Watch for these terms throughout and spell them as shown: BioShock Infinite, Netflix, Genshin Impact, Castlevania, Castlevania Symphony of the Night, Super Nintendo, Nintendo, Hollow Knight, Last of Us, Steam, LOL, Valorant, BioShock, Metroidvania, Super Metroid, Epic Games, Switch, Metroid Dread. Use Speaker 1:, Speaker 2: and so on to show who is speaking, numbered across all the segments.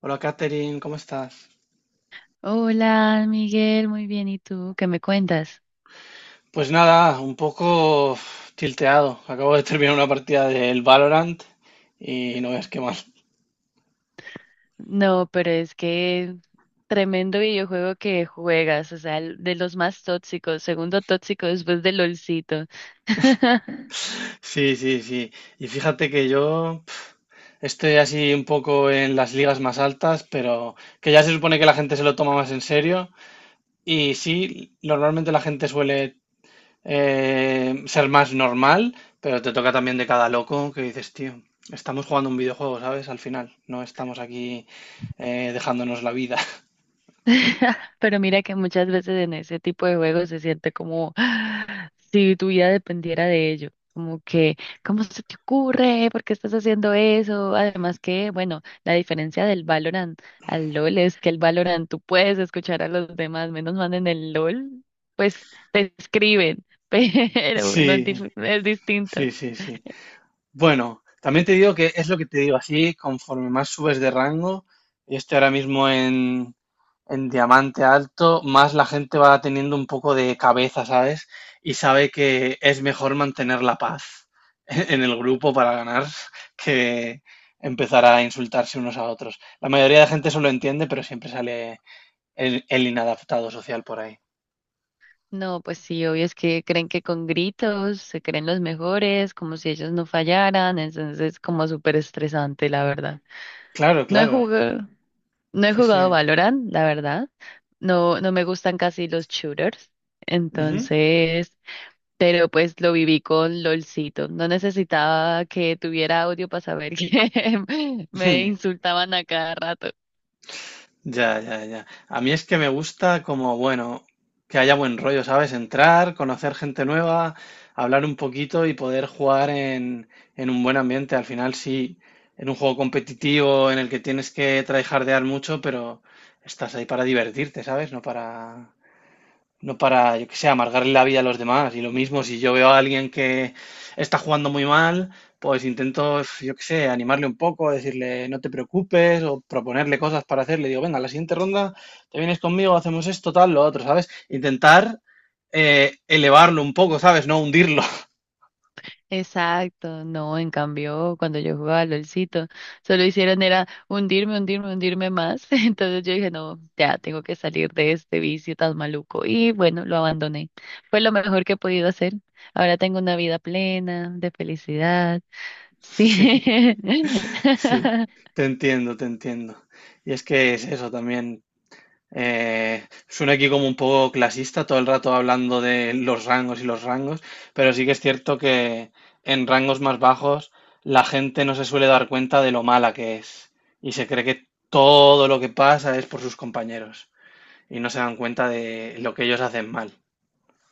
Speaker 1: Hola Katherine, ¿cómo estás?
Speaker 2: Hola, Miguel, muy bien. ¿Y tú? ¿Qué me cuentas?
Speaker 1: Pues nada, un poco tilteado. Acabo de terminar una partida del Valorant y no es que mal.
Speaker 2: No, pero es que tremendo videojuego que juegas, o sea, de los más tóxicos, segundo tóxico después del LOLcito.
Speaker 1: Sí, sí, sí. Y fíjate que yo estoy así un poco en las ligas más altas, pero que ya se supone que la gente se lo toma más en serio. Y sí, normalmente la gente suele ser más normal, pero te toca también de cada loco que dices, tío, estamos jugando un videojuego, ¿sabes? Al final, no estamos aquí dejándonos la vida.
Speaker 2: Pero mira que muchas veces en ese tipo de juegos se siente como "Ah, si tu vida dependiera de ello. Como que, ¿cómo se te ocurre? ¿Por qué estás haciendo eso? Además que, bueno, la diferencia del Valorant al LOL es que el Valorant tú puedes escuchar a los demás, menos mal en el LOL, pues te escriben, pero bueno,
Speaker 1: Sí,
Speaker 2: es distinto.
Speaker 1: sí, sí, sí. Bueno, también te digo que es lo que te digo, así conforme más subes de rango, yo estoy ahora mismo en diamante alto, más la gente va teniendo un poco de cabeza, ¿sabes? Y sabe que es mejor mantener la paz en el grupo para ganar que empezar a insultarse unos a otros. La mayoría de gente eso lo entiende, pero siempre sale el inadaptado social por ahí.
Speaker 2: No, pues sí, obvio es que creen que con gritos se creen los mejores, como si ellos no fallaran, entonces como súper estresante, la verdad.
Speaker 1: Claro,
Speaker 2: No he
Speaker 1: claro.
Speaker 2: jugado, no he
Speaker 1: Sí, sí.
Speaker 2: jugado Valorant, la verdad. No, no me gustan casi los shooters,
Speaker 1: Ujú.
Speaker 2: entonces, pero pues lo viví con LOLcito. No necesitaba que tuviera audio para saber que me insultaban a cada rato.
Speaker 1: Ya, ya, ya. A mí es que me gusta como, bueno, que haya buen rollo, ¿sabes? Entrar, conocer gente nueva, hablar un poquito y poder jugar en un buen ambiente. Al final sí, en un juego competitivo en el que tienes que tryhardear mucho, pero estás ahí para divertirte, ¿sabes? No para... No para, yo que sé, amargarle la vida a los demás. Y lo mismo, si yo veo a alguien que está jugando muy mal, pues intento, yo que sé, animarle un poco, decirle no te preocupes o proponerle cosas para hacerle. Digo, venga, la siguiente ronda te vienes conmigo, hacemos esto, tal, lo otro, ¿sabes? Intentar elevarlo un poco, ¿sabes? No hundirlo.
Speaker 2: Exacto, no, en cambio, cuando yo jugaba LOLcito, solo hicieron era hundirme, hundirme, hundirme más. Entonces yo dije, no, ya tengo que salir de este vicio tan maluco. Y bueno, lo abandoné. Fue lo mejor que he podido hacer. Ahora tengo una vida plena, de felicidad. Sí.
Speaker 1: Sí, sí. Te entiendo, te entiendo. Y es que es eso también. Suena aquí como un poco clasista, todo el rato hablando de los rangos y los rangos, pero sí que es cierto que en rangos más bajos la gente no se suele dar cuenta de lo mala que es y se cree que todo lo que pasa es por sus compañeros y no se dan cuenta de lo que ellos hacen mal.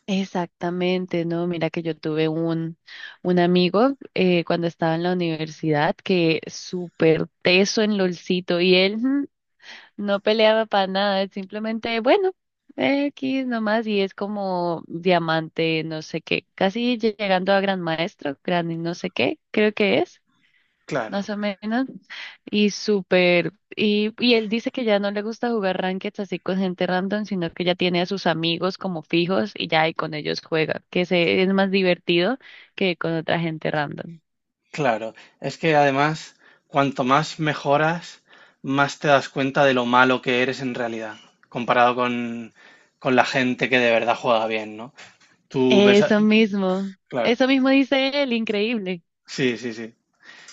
Speaker 2: Exactamente, no, mira que yo tuve un amigo cuando estaba en la universidad que súper teso en LOLcito y él. No peleaba para nada, simplemente, bueno, X nomás, y es como diamante, no sé qué, casi llegando a gran maestro, gran y no sé qué, creo que es,
Speaker 1: Claro,
Speaker 2: más o menos, y súper, y él dice que ya no le gusta jugar ranked así con gente random, sino que ya tiene a sus amigos como fijos y ya, y con ellos juega, que se, es más divertido que con otra gente random.
Speaker 1: claro. Es que además, cuanto más mejoras, más te das cuenta de lo malo que eres en realidad, comparado con la gente que de verdad juega bien, ¿no? Tú ves,
Speaker 2: Eso mismo,
Speaker 1: claro,
Speaker 2: eso mismo dice él, increíble.
Speaker 1: sí, sí, sí.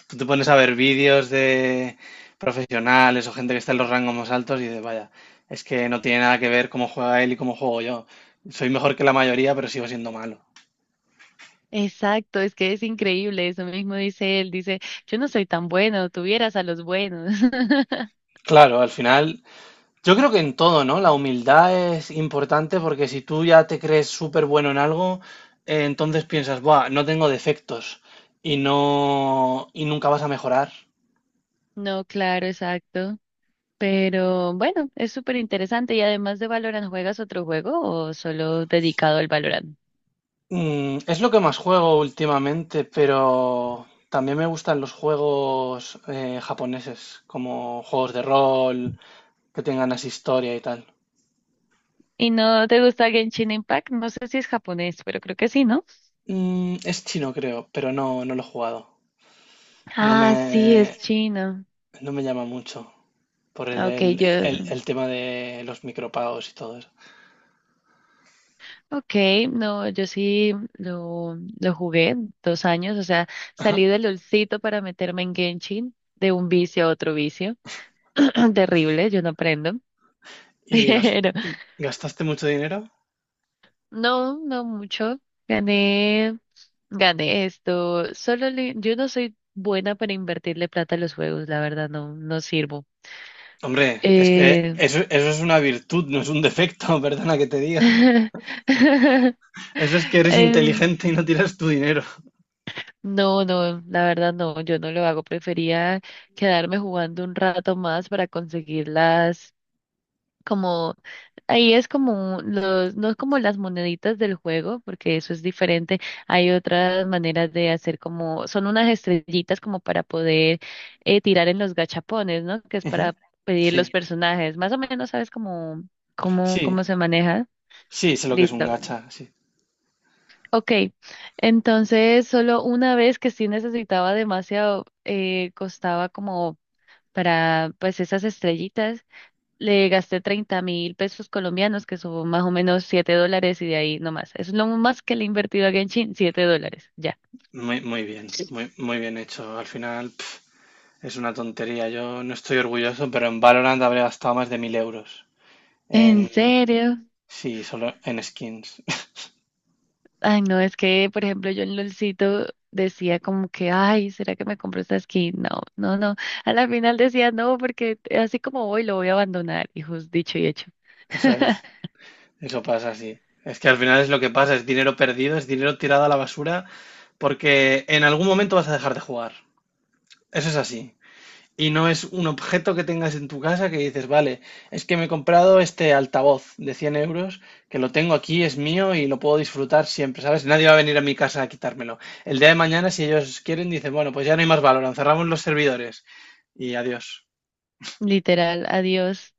Speaker 1: Tú te pones a ver vídeos de profesionales o gente que está en los rangos más altos y dices, vaya, es que no tiene nada que ver cómo juega él y cómo juego yo. Soy mejor que la mayoría, pero sigo siendo malo.
Speaker 2: Exacto, es que es increíble, eso mismo dice él, dice, yo no soy tan bueno, tuvieras a los buenos.
Speaker 1: Claro, al final, yo creo que en todo, ¿no? La humildad es importante porque si tú ya te crees súper bueno en algo, entonces piensas, buah, no tengo defectos y no, y nunca vas a mejorar.
Speaker 2: No, claro, exacto. Pero bueno, es súper interesante y además de Valorant, ¿juegas otro juego o solo dedicado al Valorant?
Speaker 1: Mm, es lo que más juego últimamente, pero también me gustan los juegos japoneses, como juegos de rol, que tengan así historia y tal.
Speaker 2: ¿Y no te gusta Genshin Impact? No sé si es japonés, pero creo que sí, ¿no?
Speaker 1: Mm, es chino, creo, pero no, no lo he jugado. No me,
Speaker 2: Ah, sí, es chino.
Speaker 1: no me llama mucho por el,
Speaker 2: Ok,
Speaker 1: el-
Speaker 2: yo.
Speaker 1: el el tema de los micropagos y todo eso.
Speaker 2: Ok, no, yo sí lo jugué 2 años, o sea,
Speaker 1: Ajá.
Speaker 2: salí del olcito para meterme en Genshin, de un vicio a otro vicio, terrible, yo no aprendo,
Speaker 1: ¿Y gas-
Speaker 2: pero
Speaker 1: ¿Gastaste mucho dinero?
Speaker 2: no, no mucho, gané, gané esto, yo no soy buena para invertirle plata a los juegos, la verdad, no, no sirvo.
Speaker 1: Hombre, es que
Speaker 2: Eh,
Speaker 1: eso es una virtud, no es un defecto, perdona que te diga. Eso es que eres
Speaker 2: eh,
Speaker 1: inteligente y no tiras tu dinero.
Speaker 2: no, no, la verdad no, yo no lo hago. Prefería quedarme jugando un rato más para conseguir las, como, ahí es como los, no es como las moneditas del juego, porque eso es diferente. Hay otras maneras de hacer como, son unas estrellitas como para poder tirar en los gachapones, ¿no? Que es
Speaker 1: Ujú.
Speaker 2: para pedir los
Speaker 1: Sí,
Speaker 2: personajes. Más o menos sabes cómo
Speaker 1: sí,
Speaker 2: se maneja.
Speaker 1: sí, sé lo que es un
Speaker 2: Listo.
Speaker 1: gacha, sí.
Speaker 2: Ok, entonces solo una vez que sí necesitaba demasiado, costaba como para pues esas estrellitas, le gasté 30.000 pesos colombianos, que son más o menos 7 dólares y de ahí nomás. Es lo más que le he invertido a Genshin, 7 dólares, ya.
Speaker 1: Muy, muy bien hecho. Al final, pf, es una tontería. Yo no estoy orgulloso, pero en Valorant habré gastado más de 1000 euros.
Speaker 2: ¿En
Speaker 1: En,
Speaker 2: serio?
Speaker 1: sí, solo en skins.
Speaker 2: Ay, no, es que, por ejemplo, yo en LOLcito decía como que, ay, ¿será que me compro esta skin? No, no, no. A la final decía no, porque así como voy, lo voy a abandonar. Y dicho y hecho.
Speaker 1: Eso es, eso pasa, sí. Es que al final es lo que pasa, es dinero perdido, es dinero tirado a la basura, porque en algún momento vas a dejar de jugar. Eso es así. Y no es un objeto que tengas en tu casa que dices, vale, es que me he comprado este altavoz de 100 euros, que lo tengo aquí, es mío y lo puedo disfrutar siempre, ¿sabes? Nadie va a venir a mi casa a quitármelo. El día de mañana, si ellos quieren, dicen, bueno, pues ya no hay más valor, cerramos los servidores y adiós.
Speaker 2: Literal, adiós.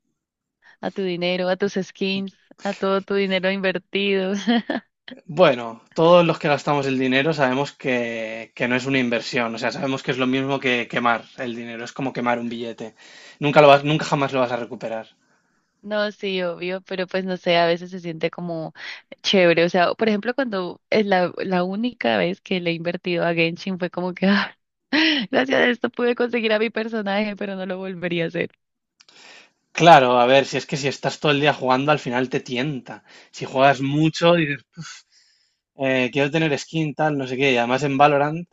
Speaker 2: A tu dinero, a tus skins, a todo tu dinero invertido.
Speaker 1: Bueno, todos los que gastamos el dinero sabemos que no es una inversión, o sea, sabemos que es lo mismo que quemar el dinero, es como quemar un billete. Nunca lo vas, nunca jamás lo vas a recuperar.
Speaker 2: No, sí, obvio, pero pues no sé, a veces se siente como chévere. O sea, por ejemplo, cuando es la única vez que le he invertido a Genshin fue como que, ah, gracias a esto pude conseguir a mi personaje, pero no lo volvería a hacer.
Speaker 1: Claro, a ver, si es que si estás todo el día jugando, al final te tienta. Si juegas mucho, dices, quiero tener skin, tal, no sé qué". Y además en Valorant,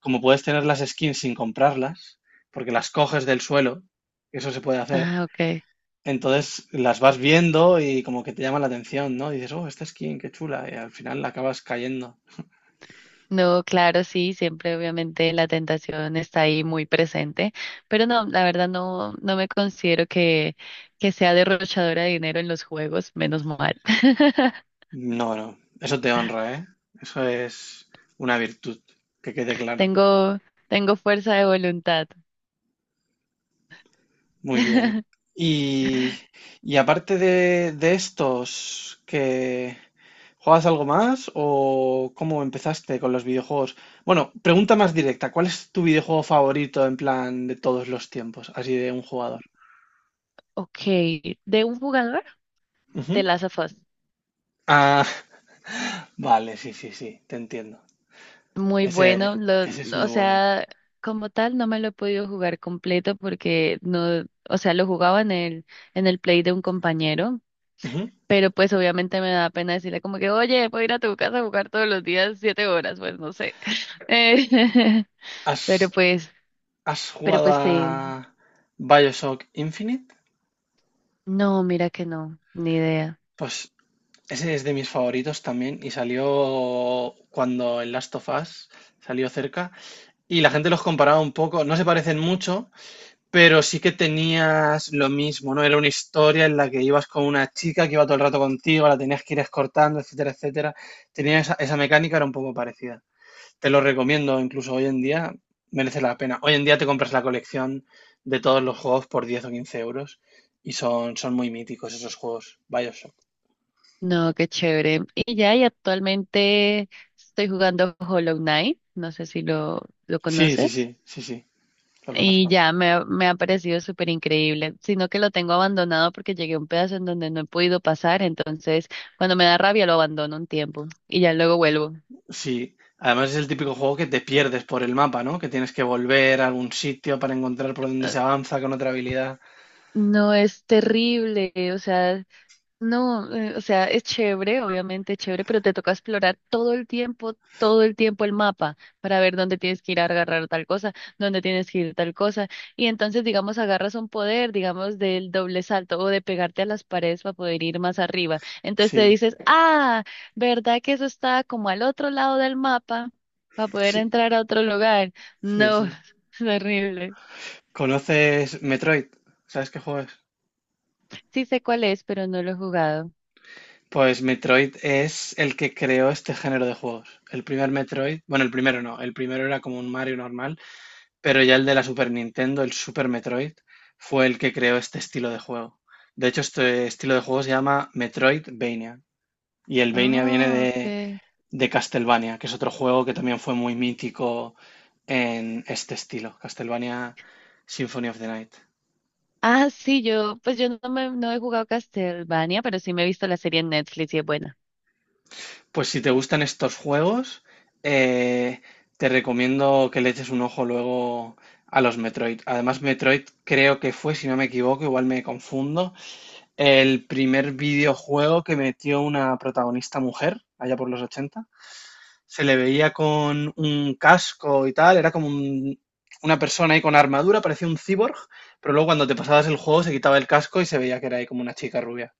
Speaker 1: como puedes tener las skins sin comprarlas, porque las coges del suelo, eso se puede hacer,
Speaker 2: Ah, okay.
Speaker 1: entonces las vas viendo y como que te llama la atención, ¿no? Dices, oh, esta skin, qué chula, y al final la acabas cayendo.
Speaker 2: No, claro, sí, siempre obviamente la tentación está ahí muy presente, pero no, la verdad no, no me considero que sea derrochadora de dinero en los juegos, menos mal.
Speaker 1: No, no, eso te honra, ¿eh? Eso es una virtud, que quede claro.
Speaker 2: Tengo, tengo fuerza de voluntad.
Speaker 1: Muy bien. Y, y aparte de estos, ¿que juegas algo más o cómo empezaste con los videojuegos? Bueno, pregunta más directa, ¿cuál es tu videojuego favorito en plan de todos los tiempos, así de un jugador?
Speaker 2: Ok, de un jugador de
Speaker 1: Ujú.
Speaker 2: Last of Us.
Speaker 1: Ah, vale, sí, sí, sí, te entiendo.
Speaker 2: Muy bueno,
Speaker 1: Ese, ese es muy
Speaker 2: o
Speaker 1: bueno.
Speaker 2: sea, como tal no me lo he podido jugar completo porque no, o sea, lo jugaba en el play de un compañero,
Speaker 1: Ujú.
Speaker 2: pero pues obviamente me da pena decirle como que, oye, puedo ir a tu casa a jugar todos los días 7 horas, pues no sé. Eh, pero
Speaker 1: ¿Has,
Speaker 2: pues,
Speaker 1: has
Speaker 2: pero
Speaker 1: jugado
Speaker 2: pues sí,
Speaker 1: a Bioshock Infinite?
Speaker 2: no, mira que no, ni idea.
Speaker 1: Pues ese es de mis favoritos también y salió cuando el Last of Us salió cerca y la gente los comparaba un poco, no se parecen mucho, pero sí que tenías lo mismo, ¿no? Era una historia en la que ibas con una chica que iba todo el rato contigo, la tenías que ir escortando, etcétera, etcétera. Tenía esa, esa mecánica, era un poco parecida. Te lo recomiendo, incluso hoy en día merece la pena. Hoy en día te compras la colección de todos los juegos por 10 o 15 euros y son, son muy míticos esos juegos. Bioshock.
Speaker 2: No, qué chévere. Y ya, y actualmente estoy jugando Hollow Knight, no sé si lo
Speaker 1: Sí, sí, sí,
Speaker 2: conoces.
Speaker 1: sí, sí. Lo
Speaker 2: Y
Speaker 1: conozco.
Speaker 2: ya me, ha- me ha parecido súper increíble, sino que lo tengo abandonado porque llegué a un pedazo en donde no he podido pasar, entonces cuando me da rabia lo abandono un tiempo y ya luego vuelvo.
Speaker 1: Sí, además es el típico juego que te pierdes por el mapa, ¿no? Que tienes que volver a algún sitio para encontrar por dónde
Speaker 2: Ah,
Speaker 1: se avanza con otra habilidad.
Speaker 2: no, es terrible, o sea, no, o sea, es chévere, obviamente es chévere, pero te toca explorar todo el tiempo el mapa para ver dónde tienes que ir a agarrar tal cosa, dónde tienes que ir tal cosa. Y entonces, digamos, agarras un poder, digamos, del doble salto o de pegarte a las paredes para poder ir más arriba. Entonces te
Speaker 1: Sí,
Speaker 2: dices, ah, ¿verdad que eso está como al otro lado del mapa para poder
Speaker 1: sí,
Speaker 2: entrar a otro lugar?
Speaker 1: sí,
Speaker 2: No,
Speaker 1: sí.
Speaker 2: es horrible.
Speaker 1: ¿Conoces Metroid? ¿Sabes qué juego es?
Speaker 2: Sí sé cuál es, pero no lo he jugado.
Speaker 1: Pues Metroid es el que creó este género de juegos. El primer Metroid, bueno, el primero no, el primero era como un Mario normal, pero ya el de la Super Nintendo, el Super Metroid, fue el que creó este estilo de juego. De hecho, este estilo de juego se llama Metroidvania. Y el Vania
Speaker 2: Ah,
Speaker 1: viene
Speaker 2: ok.
Speaker 1: de Castlevania, que es otro juego que también fue muy mítico en este estilo, Castlevania Symphony of the Night.
Speaker 2: Ah, sí, yo, pues yo no me, no he jugado Castlevania, pero sí me he visto la serie en Netflix y es buena.
Speaker 1: Pues si te gustan estos juegos, eh, te recomiendo que le eches un ojo luego a los Metroid. Además, Metroid creo que fue, si no me equivoco, igual me confundo, el primer videojuego que metió una protagonista mujer, allá por los 80. Se le veía con un casco y tal, era como un, una persona ahí con armadura, parecía un cyborg, pero luego cuando te pasabas el juego se quitaba el casco y se veía que era ahí como una chica rubia.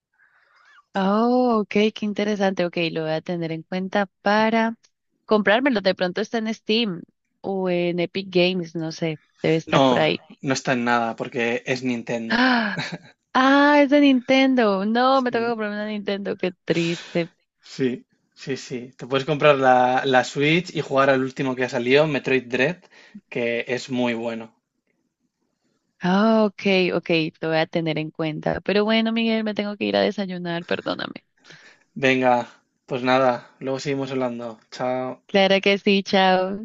Speaker 2: Oh, ok, qué interesante. Ok, lo voy a tener en cuenta para comprármelo. De pronto está en Steam o en Epic Games, no sé, debe estar por
Speaker 1: No,
Speaker 2: ahí.
Speaker 1: no está en nada porque es Nintendo.
Speaker 2: Ah, ah, es de Nintendo. No, me toca
Speaker 1: Sí,
Speaker 2: comprarme una Nintendo, qué triste.
Speaker 1: sí, sí. Sí. Te puedes comprar la, la Switch y jugar al último que ha salido, Metroid Dread, que es muy bueno.
Speaker 2: Ah, ok, ok, lo voy a tener en cuenta. Pero bueno, Miguel, me tengo que ir a desayunar, perdóname.
Speaker 1: Venga, pues nada, luego seguimos hablando. Chao.
Speaker 2: Claro que sí, chao.